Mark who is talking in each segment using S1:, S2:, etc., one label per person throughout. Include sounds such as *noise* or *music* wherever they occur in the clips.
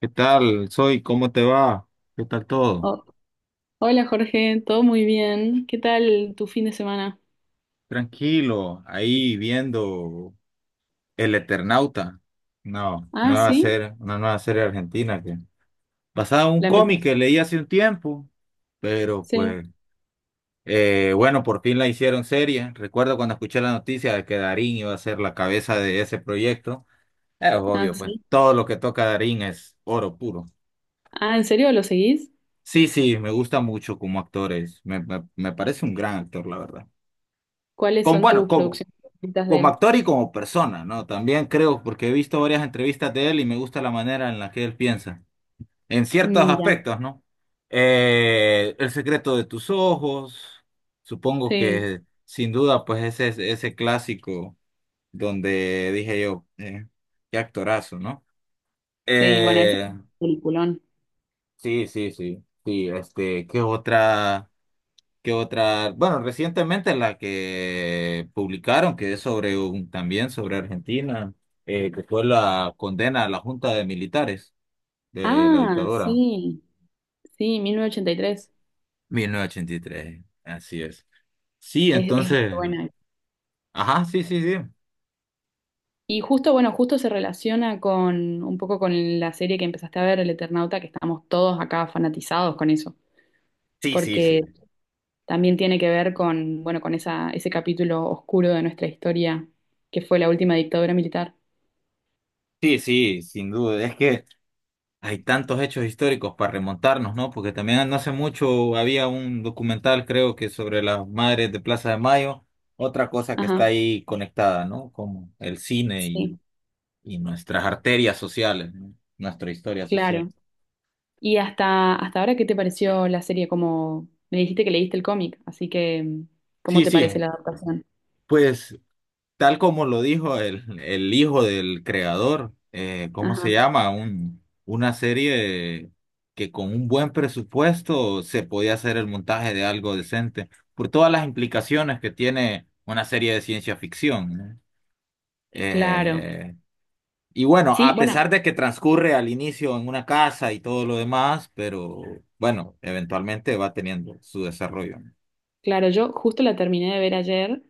S1: ¿Qué tal? ¿Cómo te va? ¿Qué tal todo?
S2: Oh, hola Jorge, todo muy bien. ¿Qué tal tu fin de semana?
S1: Tranquilo, ahí viendo El Eternauta. No,
S2: Ah,
S1: nueva
S2: sí,
S1: serie, una nueva serie argentina que basada en un
S2: la empecé.
S1: cómic que leí hace un tiempo, pero
S2: Sí,
S1: pues bueno, por fin la hicieron serie. Recuerdo cuando escuché la noticia de que Darín iba a ser la cabeza de ese proyecto. Es
S2: ah,
S1: obvio, pues
S2: sí.
S1: todo lo que toca Darín es oro puro.
S2: Ah, ¿en serio lo seguís?
S1: Sí, sí, me gusta mucho como actor es. Me parece un gran actor, la verdad.
S2: ¿Cuáles son
S1: Bueno,
S2: tus
S1: como
S2: producciones favoritas de
S1: como
S2: él?
S1: actor y como persona, ¿no? También creo, porque he visto varias entrevistas de él y me gusta la manera en la que él piensa, en ciertos
S2: Mira,
S1: aspectos, ¿no? El secreto de tus ojos, supongo
S2: sí,
S1: que sin duda, pues ese es ese clásico donde dije yo, qué actorazo, ¿no?
S2: sí, bueno, ese es
S1: Eh,
S2: un peliculón.
S1: sí, sí, sí, sí, este, ¿qué otra? Bueno, recientemente la que publicaron, que es sobre también sobre Argentina, que fue la condena a la Junta de Militares de la
S2: Ah,
S1: dictadura,
S2: sí, sí, 1983.
S1: 1983. Así es. Sí,
S2: Es muy
S1: entonces,
S2: buena.
S1: ajá, sí, sí, sí.
S2: Y justo, bueno, justo se relaciona con un poco con la serie que empezaste a ver, El Eternauta, que estamos todos acá fanatizados con eso.
S1: Sí, sí, sí.
S2: Porque también tiene que ver con, bueno, con esa, ese capítulo oscuro de nuestra historia, que fue la última dictadura militar.
S1: Sí, sí, sin duda. Es que Hay tantos hechos históricos para remontarnos, ¿no? Porque también no hace mucho había un documental, creo que sobre las madres de Plaza de Mayo, otra cosa que está
S2: Ajá,
S1: ahí conectada, ¿no? Como el cine y,
S2: sí,
S1: y nuestras arterias sociales, ¿no? Nuestra historia social.
S2: claro. Y hasta, hasta ahora, ¿qué te pareció la serie? Como me dijiste que leíste el cómic, así que ¿cómo
S1: Sí,
S2: te
S1: sí,
S2: parece la adaptación?
S1: pues tal como lo dijo el hijo del creador, ¿cómo se
S2: Ajá,
S1: llama? Una serie que con un buen presupuesto se podía hacer el montaje de algo decente, por todas las implicaciones que tiene una serie de ciencia ficción, ¿no?
S2: claro.
S1: Eh, y bueno,
S2: Sí,
S1: a
S2: bueno,
S1: pesar de que transcurre al inicio en una casa y todo lo demás, pero bueno, eventualmente va teniendo su desarrollo, ¿no?
S2: claro, yo justo la terminé de ver ayer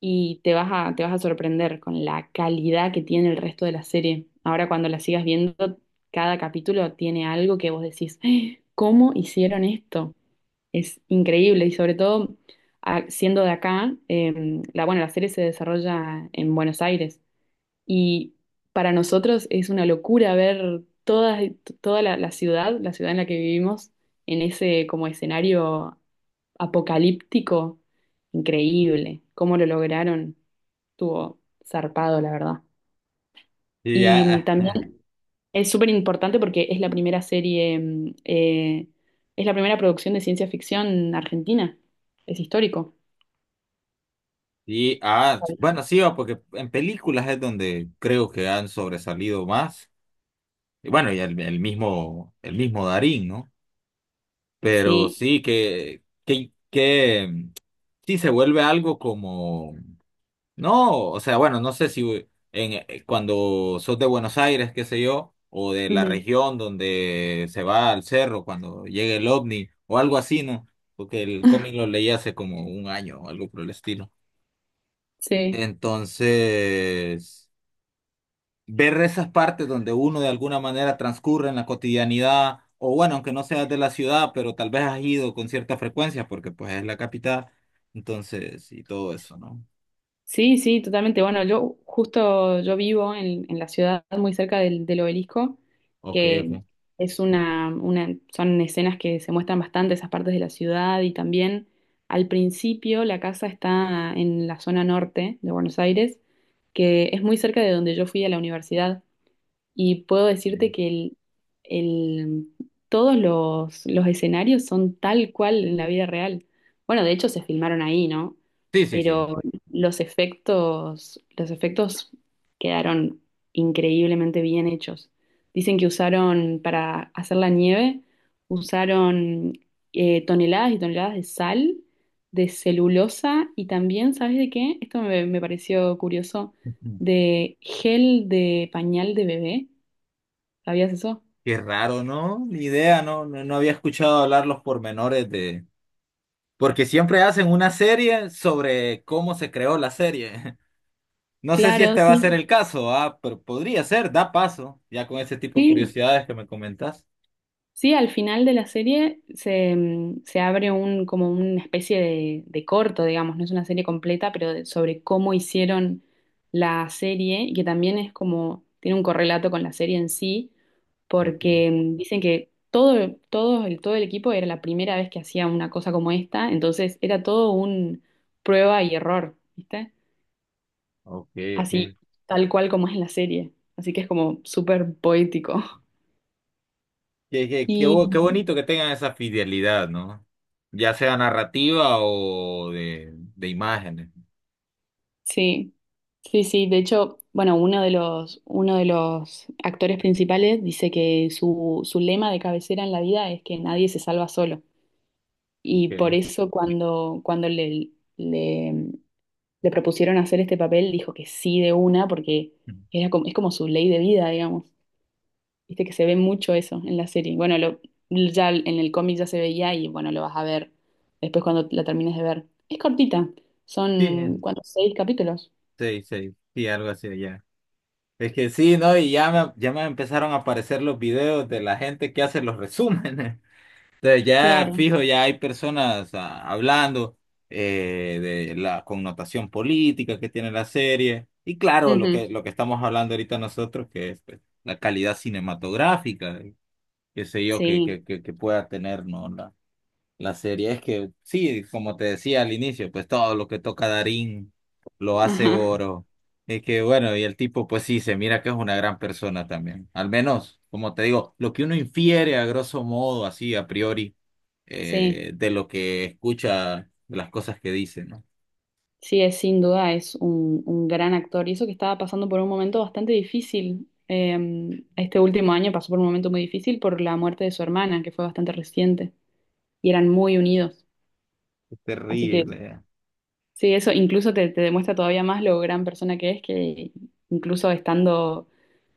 S2: y te vas a sorprender con la calidad que tiene el resto de la serie. Ahora cuando la sigas viendo, cada capítulo tiene algo que vos decís, "Ah, ¿cómo hicieron esto? Es increíble". Y sobre todo siendo de acá, la, bueno, la serie se desarrolla en Buenos Aires y para nosotros es una locura ver toda, toda la, la ciudad en la que vivimos, en ese como escenario apocalíptico. Increíble, cómo lo lograron. Estuvo zarpado, la verdad.
S1: Y
S2: Y
S1: ya
S2: también es súper importante porque es la primera serie, es la primera producción de ciencia ficción argentina. Es histórico.
S1: Bueno, sí, va, porque en películas es donde creo que han sobresalido más. Y bueno, y el mismo Darín, ¿no? Pero
S2: Sí.
S1: sí sí se vuelve algo como, no, o sea, bueno, no sé si cuando sos de Buenos Aires, qué sé yo, o de la
S2: Ujú.
S1: región donde se va al cerro cuando llega el ovni, o algo así, ¿no? Porque el cómic
S2: *laughs*
S1: lo leí hace como un año o algo por el estilo.
S2: Sí.
S1: Entonces ver esas partes donde uno de alguna manera transcurre en la cotidianidad, o bueno, aunque no seas de la ciudad, pero tal vez has ido con cierta frecuencia, porque pues es la capital, entonces, y todo eso, ¿no?
S2: Sí, sí, totalmente. Bueno, yo justo yo vivo en la ciudad muy cerca del, del obelisco,
S1: Ok, ok.
S2: que es una, son escenas que se muestran bastante esas partes de la ciudad y también al principio la casa está en la zona norte de Buenos Aires, que es muy cerca de donde yo fui a la universidad. Y puedo decirte
S1: Ok.
S2: que el- todos los escenarios son tal cual en la vida real. Bueno, de hecho se filmaron ahí, ¿no?
S1: Sí, sí, sí.
S2: Pero los efectos quedaron increíblemente bien hechos. Dicen que usaron, para hacer la nieve, usaron toneladas y toneladas de sal, de celulosa y también, ¿sabes de qué? Esto me pareció curioso,
S1: Ujú.
S2: de gel de pañal de bebé. ¿Sabías eso?
S1: Qué raro, ¿no? Ni idea, ¿no? No, no había escuchado hablar los pormenores de... Porque siempre hacen una serie sobre cómo se creó la serie. *laughs* No sé si
S2: Claro,
S1: este va a ser
S2: sí,
S1: el caso, pero podría ser, da paso, ya con ese tipo de
S2: sí,
S1: curiosidades que me comentas.
S2: sí, al final de la serie se, se abre un, como una especie de corto, digamos, no es una serie completa, pero sobre cómo hicieron la serie y que también es como, tiene un correlato con la serie en sí,
S1: Ok.
S2: porque dicen que todo, todo el equipo era la primera vez que hacía una cosa como esta, entonces era todo un prueba y error, ¿viste?
S1: Ok, ok.
S2: Así, tal cual como es la serie, así que es como súper poético.
S1: Qué, qué, qué
S2: Y
S1: bo- qué bonito que tengan esa fidelidad, ¿no? Ya sea narrativa o de imágenes.
S2: sí, sí, sí. De hecho, bueno, uno de los actores principales dice que su lema de cabecera en la vida es que nadie se salva solo.
S1: Ok.
S2: Y por eso cuando le, le propusieron hacer este papel, dijo que sí de una, porque era como, es como su ley de vida, digamos. Viste que se ve mucho eso en la serie. Bueno, lo, ya en el cómic ya se veía y bueno, lo vas a ver después cuando la termines de ver. Es cortita,
S1: Sí,
S2: son, ¿cuántos? Seis capítulos.
S1: sí, sí, sí, algo así allá. Es que sí, ¿no? Y ya me empezaron a aparecer los videos de la gente que hace los resúmenes. *laughs* Entonces ya
S2: Claro,
S1: fijo, ya hay personas hablando eh, de la connotación política que tiene la serie. Y claro, lo
S2: ujú.
S1: que, lo que estamos hablando ahorita nosotros, que es pues, la calidad cinematográfica. Qué sé yo, que,
S2: Sí,
S1: que, que, que pueda tener, ¿no? La serie es que, sí, como te decía al inicio, pues todo lo que toca Darín lo hace
S2: ajá,
S1: oro. Es que, bueno, y el tipo, pues sí, se mira que es una gran persona también. Al menos, como te digo, lo que uno infiere a grosso modo, así, a priori,
S2: sí,
S1: de lo que escucha, de las cosas que dice, ¿no?
S2: sí, es sin duda es un gran actor y eso que estaba pasando por un momento bastante difícil. Este último año pasó por un momento muy difícil por la muerte de su hermana, que fue bastante reciente y eran muy unidos.
S1: Es
S2: Así que
S1: terrible.
S2: sí, eso incluso te demuestra todavía más lo gran persona que es, que incluso estando,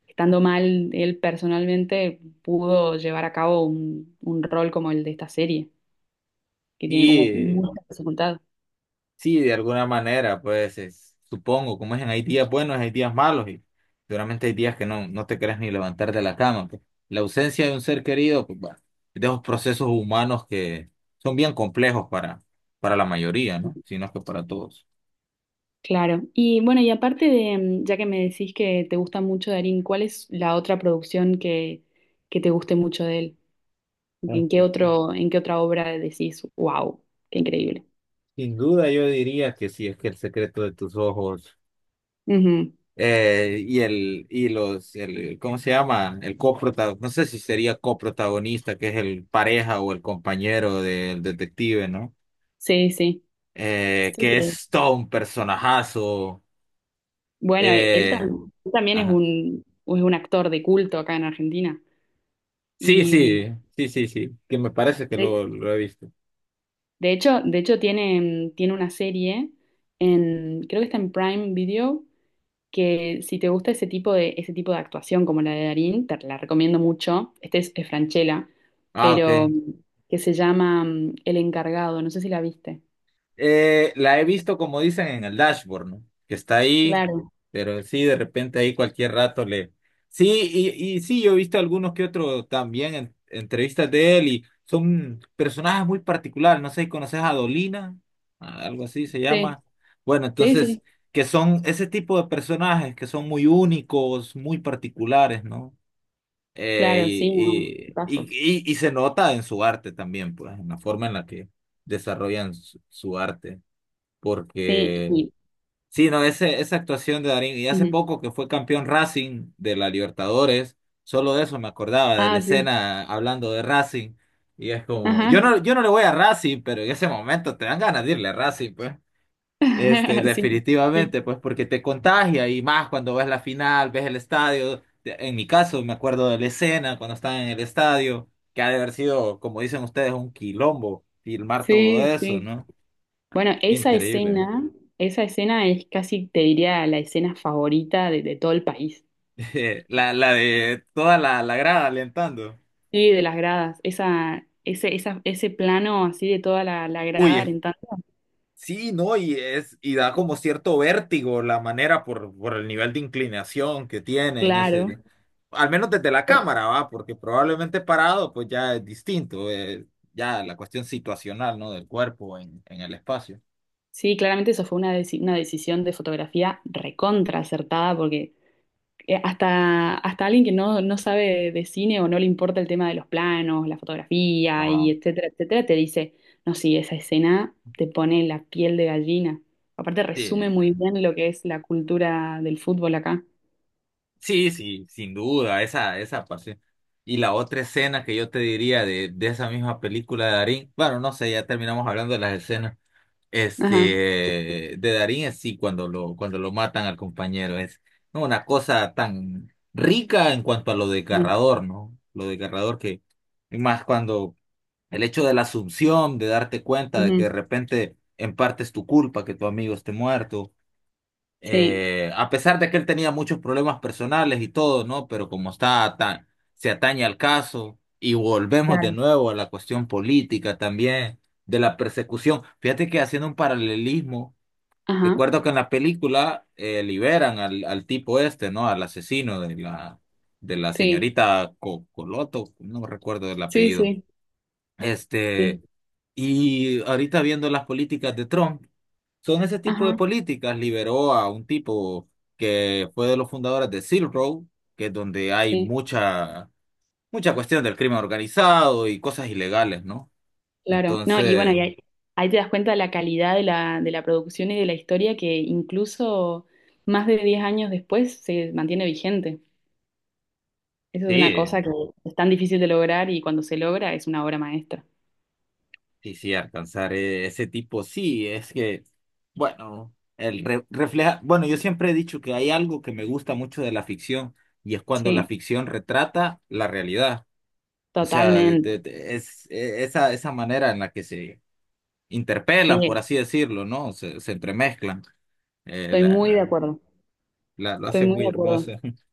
S2: estando mal, él personalmente pudo llevar a cabo un rol como el de esta serie, que tiene como
S1: Y
S2: mucha dificultad.
S1: sí, de alguna manera, pues supongo, como es en hay días buenos, hay días malos y seguramente hay días que no te querés ni levantar de la cama, pues. La ausencia de un ser querido, pues bueno, es de esos procesos humanos que son bien complejos para la mayoría, ¿no? Si no es que para todos.
S2: Claro. Y bueno, y aparte de, ya que me decís que te gusta mucho Darín, ¿cuál es la otra producción que te guste mucho de él?
S1: Ah,
S2: ¿En qué
S1: sí, sí.
S2: otro, en qué otra obra decís, wow, qué increíble?
S1: Sin duda yo diría que sí, es que el secreto de tus ojos,
S2: Ujú.
S1: y el, y los, el, ¿cómo se llama? El coprotagonista, no sé si sería coprotagonista, que es el pareja o el compañero del detective, ¿no?
S2: Sí, sí.
S1: Que
S2: Sí.
S1: es todo un personajazo.
S2: Bueno, e, él,
S1: eh,
S2: él también
S1: ajá.
S2: es un actor de culto acá en Argentina.
S1: Sí,
S2: Y
S1: sí, sí, sí, sí, que me parece que lo he visto.
S2: de hecho, de hecho tiene, tiene una serie en, creo que está en Prime Video, que si te gusta ese tipo de actuación como la de Darín, te la recomiendo mucho. Este es Francella,
S1: Ah,
S2: pero
S1: ok.
S2: que se llama El Encargado, no sé si la viste.
S1: La he visto como dicen en el dashboard, ¿no? Que está ahí,
S2: Claro.
S1: pero sí, de repente ahí cualquier rato le... Sí, y, y sí, yo he visto algunos que otros también en entrevistas de él y son personajes muy particulares, no sé si conoces a Dolina, algo así se
S2: Sí,
S1: llama. Bueno,
S2: sí,
S1: entonces,
S2: sí,
S1: que son ese tipo de personajes que son muy únicos, muy particulares, ¿no?
S2: claro, sí, no,
S1: Y, y,
S2: pasos.
S1: y, y y se nota en su arte también, pues, en la forma en la que desarrollan su arte
S2: Sí,
S1: porque
S2: y-
S1: sí, no, esa actuación de Darín, y hace
S2: ujú.
S1: poco que fue campeón Racing de la Libertadores, solo de eso me acordaba, de la
S2: Ah, sí,
S1: escena hablando de Racing, y es como, yo
S2: ajá.
S1: no, yo no le voy a Racing, pero en ese momento te dan ganas de irle a Racing, pues. Este,
S2: *laughs* Sí, sí,
S1: definitivamente, pues porque te contagia y más cuando ves la final, ves el estadio. En mi caso, me acuerdo de la escena cuando estaban en el estadio, que ha de haber sido, como dicen ustedes, un quilombo filmar todo
S2: sí.
S1: eso,
S2: Sí.
S1: ¿no?
S2: Bueno,
S1: Increíble.
S2: esa escena es casi, te diría, la escena favorita de todo el país.
S1: *laughs* La de toda la grada alentando.
S2: Sí, de las gradas. Esa, ese plano así de toda la, la
S1: Uy,
S2: grada alentando.
S1: sí, ¿no? Y da como cierto vértigo la manera por el nivel de inclinación que tiene en
S2: Claro.
S1: ese, al menos desde la cámara, ¿va? Porque probablemente parado, pues ya es distinto, ya la cuestión situacional, ¿no? Del cuerpo en el espacio.
S2: Sí, claramente eso fue una, una decisión de fotografía recontra acertada porque hasta, hasta alguien que no, no sabe de cine o no le importa el tema de los planos, la fotografía y
S1: Ajá.
S2: etcétera, etcétera, te dice, no, sí, esa escena te pone la piel de gallina. Aparte
S1: Sí,
S2: resume
S1: sí,
S2: muy bien lo que es la cultura del fútbol acá.
S1: sí, sí, sin duda, esa parte. Y la otra escena que yo te diría de esa misma película de Darín, bueno, no sé, ya terminamos hablando de las escenas.
S2: Ajá.
S1: Este, de Darín, es sí, cuando lo matan al compañero, es, ¿no?, una cosa tan rica en cuanto a lo
S2: Sí.
S1: desgarrador, ¿no? Lo desgarrador que, y más cuando el hecho de la asunción, de darte cuenta de que de
S2: Ujú.
S1: repente en parte es tu culpa que tu amigo esté muerto,
S2: Sí,
S1: a pesar de que él tenía muchos problemas personales y todo, ¿no? Pero como está tan, se atañe al caso y volvemos de
S2: claro.
S1: nuevo a la cuestión política también, de la persecución. Fíjate que haciendo un paralelismo,
S2: Ajá.
S1: recuerdo que en la película liberan al tipo este, ¿no? Al asesino de la
S2: Sí.
S1: señorita Coloto, no recuerdo el
S2: Sí,
S1: apellido.
S2: sí, sí.
S1: Este, y ahorita viendo las políticas de Trump. Son ese tipo de
S2: Ajá.
S1: políticas. Liberó a un tipo que fue de los fundadores de Silk Road, que es donde hay
S2: Sí,
S1: mucha, mucha cuestión del crimen organizado y cosas ilegales, ¿no?
S2: claro. No, y bueno,
S1: Entonces,
S2: y ahí, ahí te das cuenta de la calidad de la producción y de la historia que incluso más de 10 años después se mantiene vigente. Eso es una
S1: sí,
S2: cosa que es tan difícil de lograr y cuando se logra es una obra maestra.
S1: sí, sí, alcanzar ese tipo, sí, es que, bueno, el refleja, bueno, yo siempre he dicho que hay algo que me gusta mucho de la ficción y es cuando la
S2: Sí,
S1: ficción retrata la realidad. O sea, de-
S2: totalmente.
S1: de- es, e- esa, esa manera en la que se interpelan, por
S2: Sí,
S1: así decirlo, ¿no? Se entremezclan. Eh,
S2: estoy
S1: la,
S2: muy de
S1: la,
S2: acuerdo.
S1: lo
S2: Estoy
S1: hace
S2: muy
S1: muy
S2: de acuerdo.
S1: hermoso. *laughs*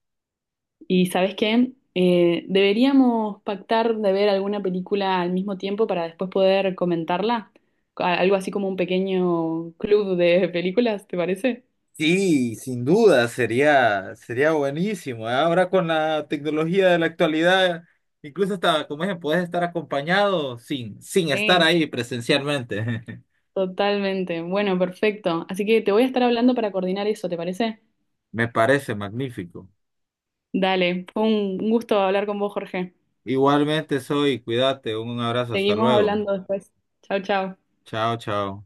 S2: ¿Y sabes qué? Deberíamos pactar de ver alguna película al mismo tiempo para después poder comentarla. Algo así como un pequeño club de películas, ¿te parece?
S1: Sí, sin duda, sería buenísimo, ¿eh? Ahora con la tecnología de la actualidad, incluso hasta, como dije, puedes estar acompañado sin estar
S2: Sí,
S1: ahí presencialmente. *laughs*
S2: totalmente. Bueno, perfecto. Así que te voy a estar hablando para coordinar eso, ¿te parece?
S1: Me parece magnífico.
S2: Dale, fue un gusto hablar con vos, Jorge.
S1: Igualmente soy, cuídate, un abrazo, hasta
S2: Seguimos
S1: luego.
S2: hablando después. Chao, chao.
S1: Chao, chao.